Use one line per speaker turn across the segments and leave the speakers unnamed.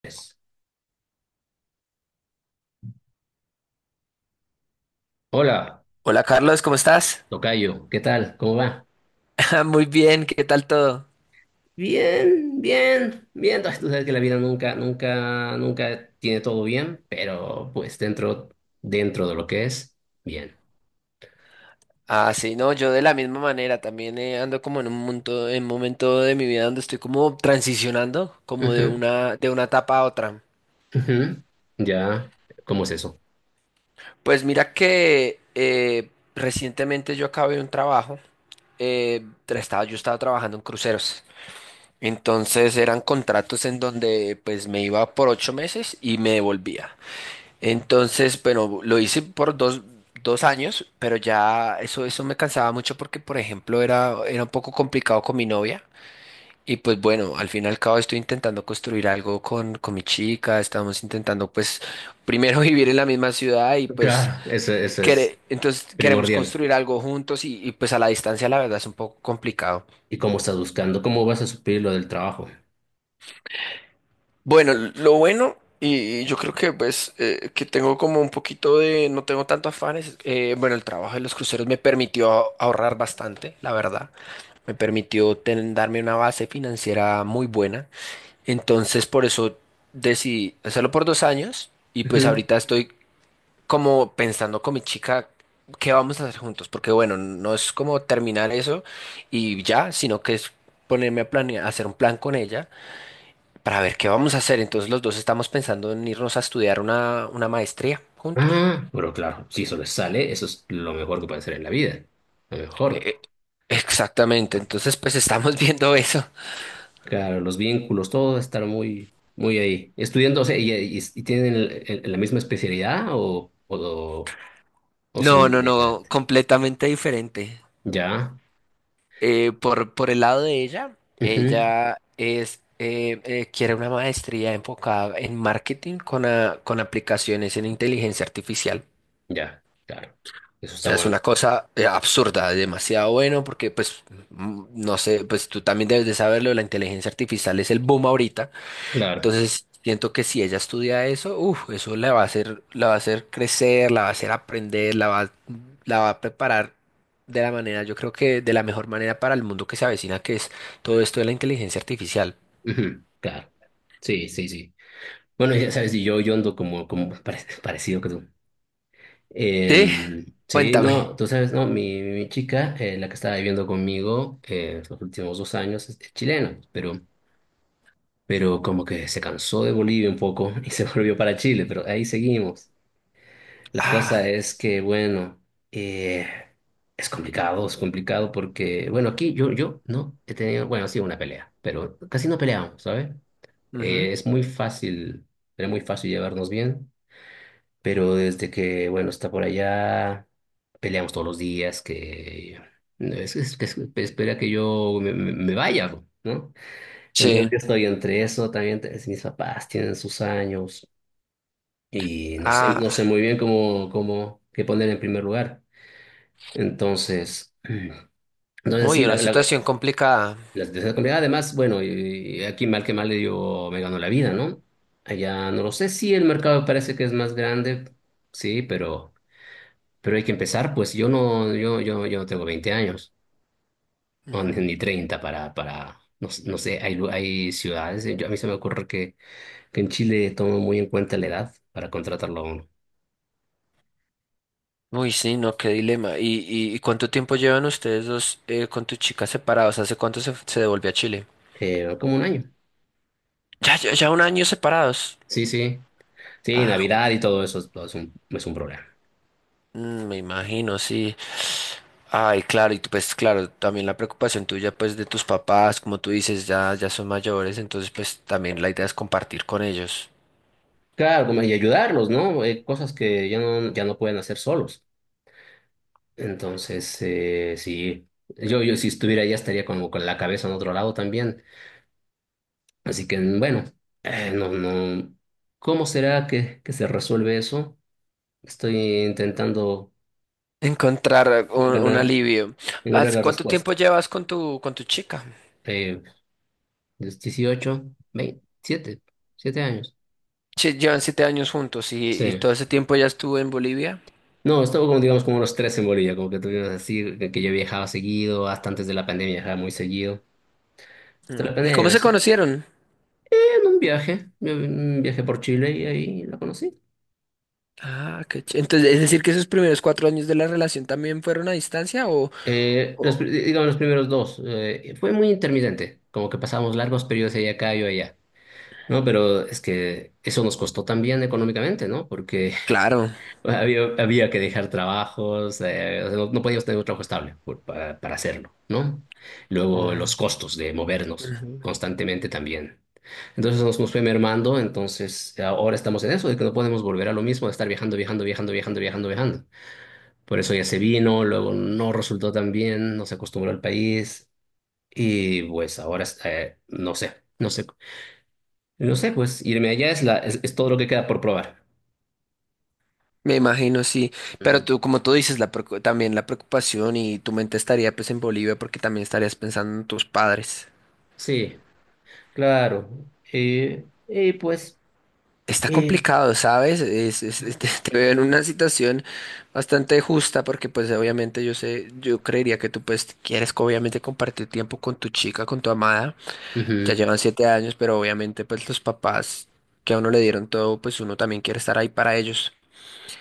Pues. Hola,
Hola Carlos, ¿cómo estás?
tocayo, ¿qué tal? ¿Cómo va?
Muy bien, ¿qué tal todo?
Bien, bien, bien. Ay, tú sabes que la vida nunca, nunca, nunca tiene todo bien, pero pues dentro de lo que es, bien.
Ah, sí, no, yo de la misma manera también ando como en un momento, en momento de mi vida donde estoy como transicionando, como de
Ujú,
una, de una etapa a otra.
ujú. Ya, ¿cómo es eso?
Pues mira que recientemente yo acabé un trabajo. Yo estaba trabajando en cruceros, entonces eran contratos en donde pues me iba por 8 meses y me devolvía. Entonces, bueno, lo hice por dos años, pero ya eso me cansaba mucho porque, por ejemplo, era un poco complicado con mi novia. Y pues bueno, al fin y al cabo estoy intentando construir algo con mi chica, estamos intentando pues primero vivir en la misma ciudad y pues
Claro, eso es
entonces queremos
primordial.
construir algo juntos y pues a la distancia la verdad es un poco complicado.
¿Y cómo estás buscando? ¿Cómo vas a suplir lo del trabajo?
Bueno, lo bueno, y yo creo que pues que tengo como un poquito de, no tengo tanto afanes. Bueno, el trabajo de los cruceros me permitió ahorrar bastante, la verdad, me permitió darme una base financiera muy buena, entonces por eso decidí hacerlo por 2 años y pues
Ujú.
ahorita estoy como pensando con mi chica qué vamos a hacer juntos, porque bueno, no es como terminar eso y ya, sino que es ponerme a planear, hacer un plan con ella para ver qué vamos a hacer. Entonces los dos estamos pensando en irnos a estudiar una maestría juntos.
Ah, pero claro, si eso les sale, eso es lo mejor que puede hacer en la vida. Lo mejor.
Eh, eh, Exactamente, entonces pues estamos viendo eso.
Claro, los vínculos, todo estar muy, muy ahí. Estudiando, o sea, y tienen la misma especialidad o
No,
son
no, no,
diferentes.
completamente diferente.
Ya,
Por el lado de ella,
ujú,
ella quiere una maestría enfocada en marketing con, con aplicaciones en inteligencia artificial.
ya, claro. Eso
O
está
sea, es
bueno.
una cosa absurda, demasiado bueno, porque pues, no sé, pues tú también debes de saberlo, la inteligencia artificial es el boom ahorita.
Claro,
Entonces, siento que si ella estudia eso, uf, eso la va a hacer, la va a hacer crecer, la va a hacer aprender, la va a preparar de la manera, yo creo que de la mejor manera para el mundo que se avecina, que es todo esto de la inteligencia artificial.
ujú, claro. Sí, sí, sí. Bueno, ya sabes, y yo ando como parecido que tú.
Sí,
Sí, no,
cuéntame.
tú sabes, no, mi chica, la que estaba viviendo conmigo los últimos 2 años, es chilena, pero como que se cansó de Bolivia un poco y se volvió para Chile, pero ahí seguimos. La
Ah,
cosa es que, bueno, eh, es complicado porque, bueno, aquí yo no he tenido, bueno, sí, una pelea, pero casi no peleamos, ¿sabes?
ujú.
Es muy fácil, era muy fácil llevarnos bien, pero desde que, bueno, está por allá, peleamos todos los días, que es- que es- espera que yo me vaya, ¿no? Entonces
Sí.
yo estoy entre eso, también mis papás tienen sus años y no sé,
Ah,
no sé muy bien qué poner en primer lugar. Entonces, entonces
uy,
sí, la,
una
la,
situación complicada.
la situación es complicada. Además, bueno, y aquí mal que mal le digo, me ganó la vida, ¿no? Allá no lo sé, sí, el mercado parece que es más grande, sí, pero hay que empezar, pues yo no tengo 20 años, o ni
Ujú.
ni 30 para, no, no sé, hay ciudades, a mí se me ocurre que en Chile toman muy en cuenta la edad para contratarlo a uno.
Uy, sí, no, qué dilema. ¿Y cuánto tiempo llevan ustedes dos con tu chica separados? ¿Hace cuánto se devolvió a Chile?
Como un año.
Ya, ya, ya un año separados.
Sí, sí. Sí,
Ah.
Navidad y todo eso es un problema.
Mm, me imagino, sí. Ay, claro, y tú, pues claro, también la preocupación tuya, pues de tus papás, como tú dices, ya, ya son mayores, entonces pues también la idea es compartir con ellos.
Claro, como, y ayudarlos, ¿no? Cosas que ya no pueden hacer solos. Entonces, sí, yo si estuviera allá estaría como con la cabeza en otro lado también. Así que, bueno, no, no. ¿Cómo será que se resuelve eso? Estoy intentando
Encontrar un
encontrar,
alivio.
encontrar la
Cuánto
respuesta.
tiempo llevas con tu chica?
Eh, los 18, 27, 7 años.
Che, llevan 7 años juntos y
Sí.
todo ese tiempo ya estuvo en Bolivia.
No, estuve como, digamos, como unos tres en Bolivia, como que tuvimos así, que yo viajaba seguido, hasta antes de la pandemia viajaba muy seguido. Hasta
Mm,
la
¿y cómo
pandemia, o
se conocieron?
en un viaje, yo un viaje por Chile y ahí la conocí.
Ah, entonces, es decir que esos primeros 4 años de la relación también fueron a distancia
Eh, los,
o-
pri- digamos, los primeros dos, fue muy intermitente, como que pasábamos largos periodos allá acá, yo allá. No, pero es que eso nos costó también económicamente, ¿no? Porque
Claro.
había que dejar trabajos, o sea, no podíamos tener un trabajo estable para hacerlo, ¿no? Luego
Wow.
los costos de movernos constantemente también. Entonces nos fue mermando, entonces ahora estamos en eso, de que no podemos volver a lo mismo, de estar viajando, viajando, viajando, viajando, viajando, viajando. Por eso ya se vino, luego no resultó tan bien, no se acostumbró al país y pues ahora no sé, pues irme allá es todo lo que queda por probar.
Me imagino, sí, pero
Ujú.
tú, como tú dices, también la preocupación y tu mente estaría pues en Bolivia porque también estarías pensando en tus padres.
Sí. Claro, y pues,
Está
eh,
complicado, ¿sabes? Te veo en una situación bastante justa porque pues obviamente yo sé, yo creería que tú pues quieres obviamente compartir tiempo con tu chica, con tu amada, ya
ujú,
llevan 7 años, pero obviamente pues los papás que a uno le dieron todo, pues uno también quiere estar ahí para ellos.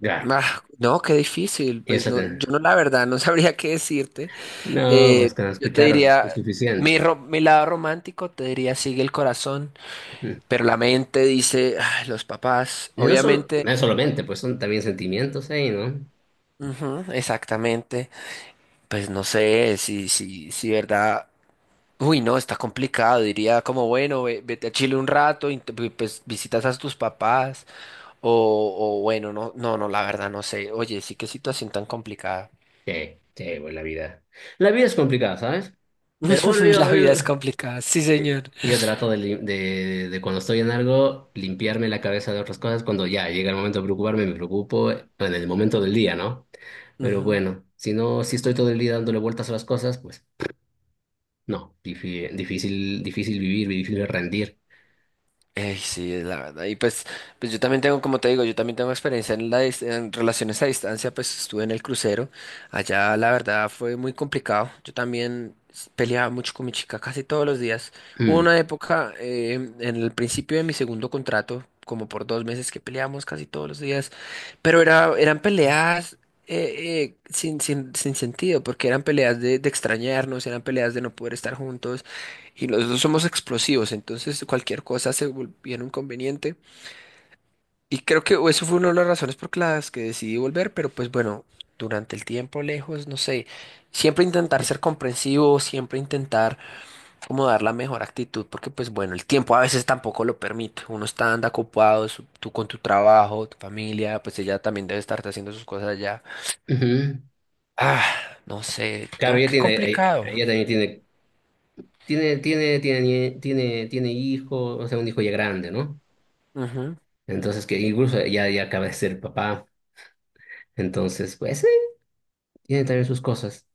claro,
Ah, no, qué difícil, pues
eso
no,
te-
yo no la verdad no sabría qué decirte.
no,
Eh,
pues con
yo te
escuchar
diría,
es suficiente.
mi lado romántico te diría sigue el corazón,
Ujú.
pero la mente dice, "Ay, los papás,
Y no solo,
obviamente",
no es solamente, pues son también sentimientos ahí, ¿no?
ujú, exactamente, pues no sé, si verdad, uy, no, está complicado, diría como, bueno, vete a Chile un rato, y pues visitas a tus papás, o, o bueno, no, no, no, la verdad, no sé, oye, sí, qué situación tan complicada.
Sí, sí, pues la vida. La vida es complicada, ¿sabes? Pero bueno,
La vida es complicada, sí,
eh,
señor.
yo trato de cuando estoy en algo, limpiarme la cabeza de otras cosas. Cuando ya llega el momento de preocuparme, me preocupo en el momento del día, ¿no? Pero
Ujú.
bueno, si no, si estoy todo el día dándole vueltas a las cosas, pues. No, difícil, difícil vivir, difícil rendir.
Ey, sí, es la verdad. Y pues, pues yo también tengo, como te digo, yo también tengo experiencia en relaciones a distancia, pues estuve en el crucero. Allá la verdad fue muy complicado. Yo también peleaba mucho con mi chica casi todos los días. Hubo
Mm,
una época en el principio de mi segundo contrato, como por 2 meses que peleábamos casi todos los días, pero era, eran peleas sin sentido, porque eran peleas de extrañarnos, eran peleas de no poder estar juntos y los dos somos explosivos, entonces cualquier cosa se volviera un conveniente. Y creo que eso fue una de las razones por las que decidí volver, pero pues bueno, durante el tiempo lejos, no sé, siempre intentar ser comprensivo, siempre intentar como dar la mejor actitud, porque pues bueno, el tiempo a veces tampoco lo permite. Uno está anda ocupado, tú con tu trabajo, tu familia, pues ella también debe estar haciendo sus cosas allá.
ujú.
Ah, no sé,
Claro,
no, qué complicado.
ella también tiene hijo, o sea, un hijo ya grande, ¿no?
Ujú.
Entonces, que incluso ya acaba de ser papá. Entonces, pues sí, tiene también sus cosas.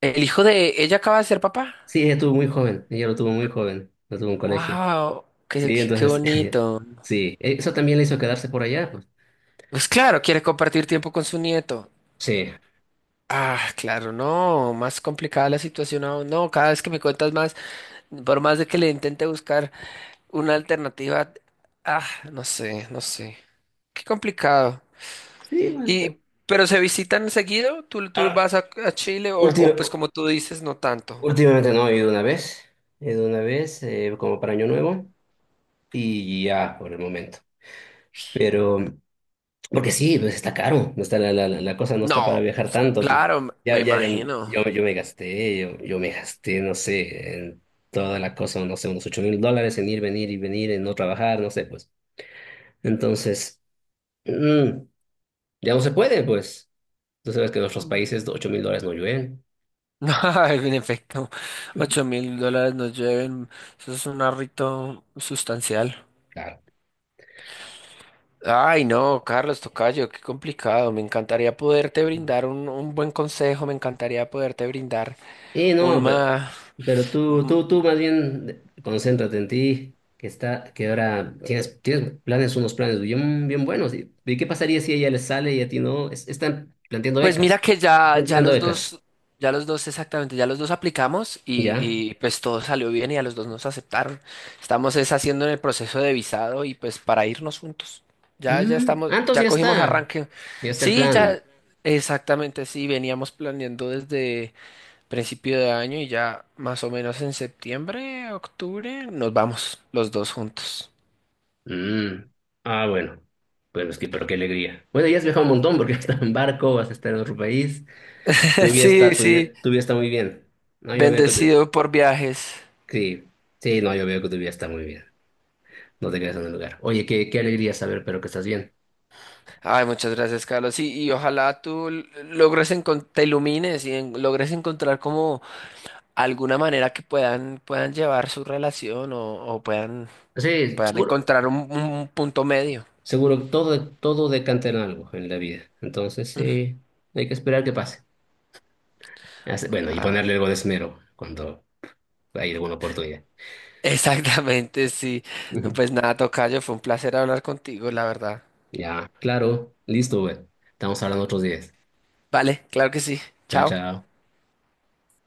El hijo de ella acaba de ser papá.
Sí, ella tuvo muy joven, ella lo tuvo muy joven, lo tuvo en colegio.
Wow, qué,
Sí,
qué, qué
entonces,
bonito.
sí, eso también le hizo quedarse por allá, pues.
Pues claro, quiere compartir tiempo con su nieto.
Sí.
Ah, claro, no, más complicada la situación aún. No, cada vez que me cuentas más, por más de que le intente buscar una alternativa, ah, no sé, no sé. Qué complicado.
Sí,
Y, pero se visitan seguido, tú
ah,
vas a Chile o pues
última-
como tú dices, no tanto.
Últimamente no, he ido una vez como para Año Nuevo y ya por el momento. Pero, porque sí, pues está caro, no está la cosa no está para
No,
viajar tanto.
claro,
Ya,
me
ya, yo,
imagino.
yo me gasté, yo me gasté, no sé, en toda la cosa, no sé, unos $8.000 en ir, venir y venir, en no trabajar, no sé, pues. Entonces, mm, ya no se puede, pues. Tú sabes que en nuestros países $8.000 no llueven.
En efecto, $8,000 nos lleven. Eso es un arrito sustancial.
Claro.
Ay, no, Carlos Tocayo, qué complicado. Me encantaría poderte brindar un buen consejo, me encantaría poderte brindar
Y no, pero,
una,
pero tú más bien concéntrate en ti, que ahora tienes planes, unos planes bien, bien buenos. ¿Y qué pasaría si a ella les sale y a ti no? Están planteando
pues mira
becas,
que
están tirando becas,
ya los dos exactamente, ya los dos aplicamos
¿ya?
y pues todo salió bien y a los dos nos aceptaron. Estamos es haciendo en el proceso de visado y pues para irnos juntos. Ya,
Ah, entonces
ya cogimos arranque.
ya está el
Sí,
plan.
ya, exactamente, sí, veníamos planeando desde principio de año y ya más o menos en septiembre, octubre, nos vamos los dos juntos.
Mm, ah, bueno, es que, pero qué alegría. Bueno, ya has viajado un montón porque vas a estar en barco, vas a estar en otro país. Tu vida
Sí,
está, tu vida,
sí,
tu vida está muy bien. No, yo veo que tu-
bendecido por viajes.
sí, sí, no, yo veo que tu vida está muy bien. No te quedas en el lugar. Oye, qué alegría saber, pero que estás bien.
Ay, muchas gracias, Carlos. Y ojalá tú logres te ilumines y logres encontrar como alguna manera que puedan, puedan llevar su relación o puedan,
Sí,
puedan
seguro,
encontrar un punto medio.
seguro todo decanta en algo en la vida. Entonces, sí, hay que esperar que pase. Bueno, y
Ah,
ponerle algo de esmero cuando hay alguna oportunidad.
exactamente, sí. No,
Ujú.
pues nada, tocayo, fue un placer hablar contigo, la verdad.
Ya, claro, listo, güey. Estamos hablando otros días.
Vale, claro que sí.
Chao,
Chao.
chao.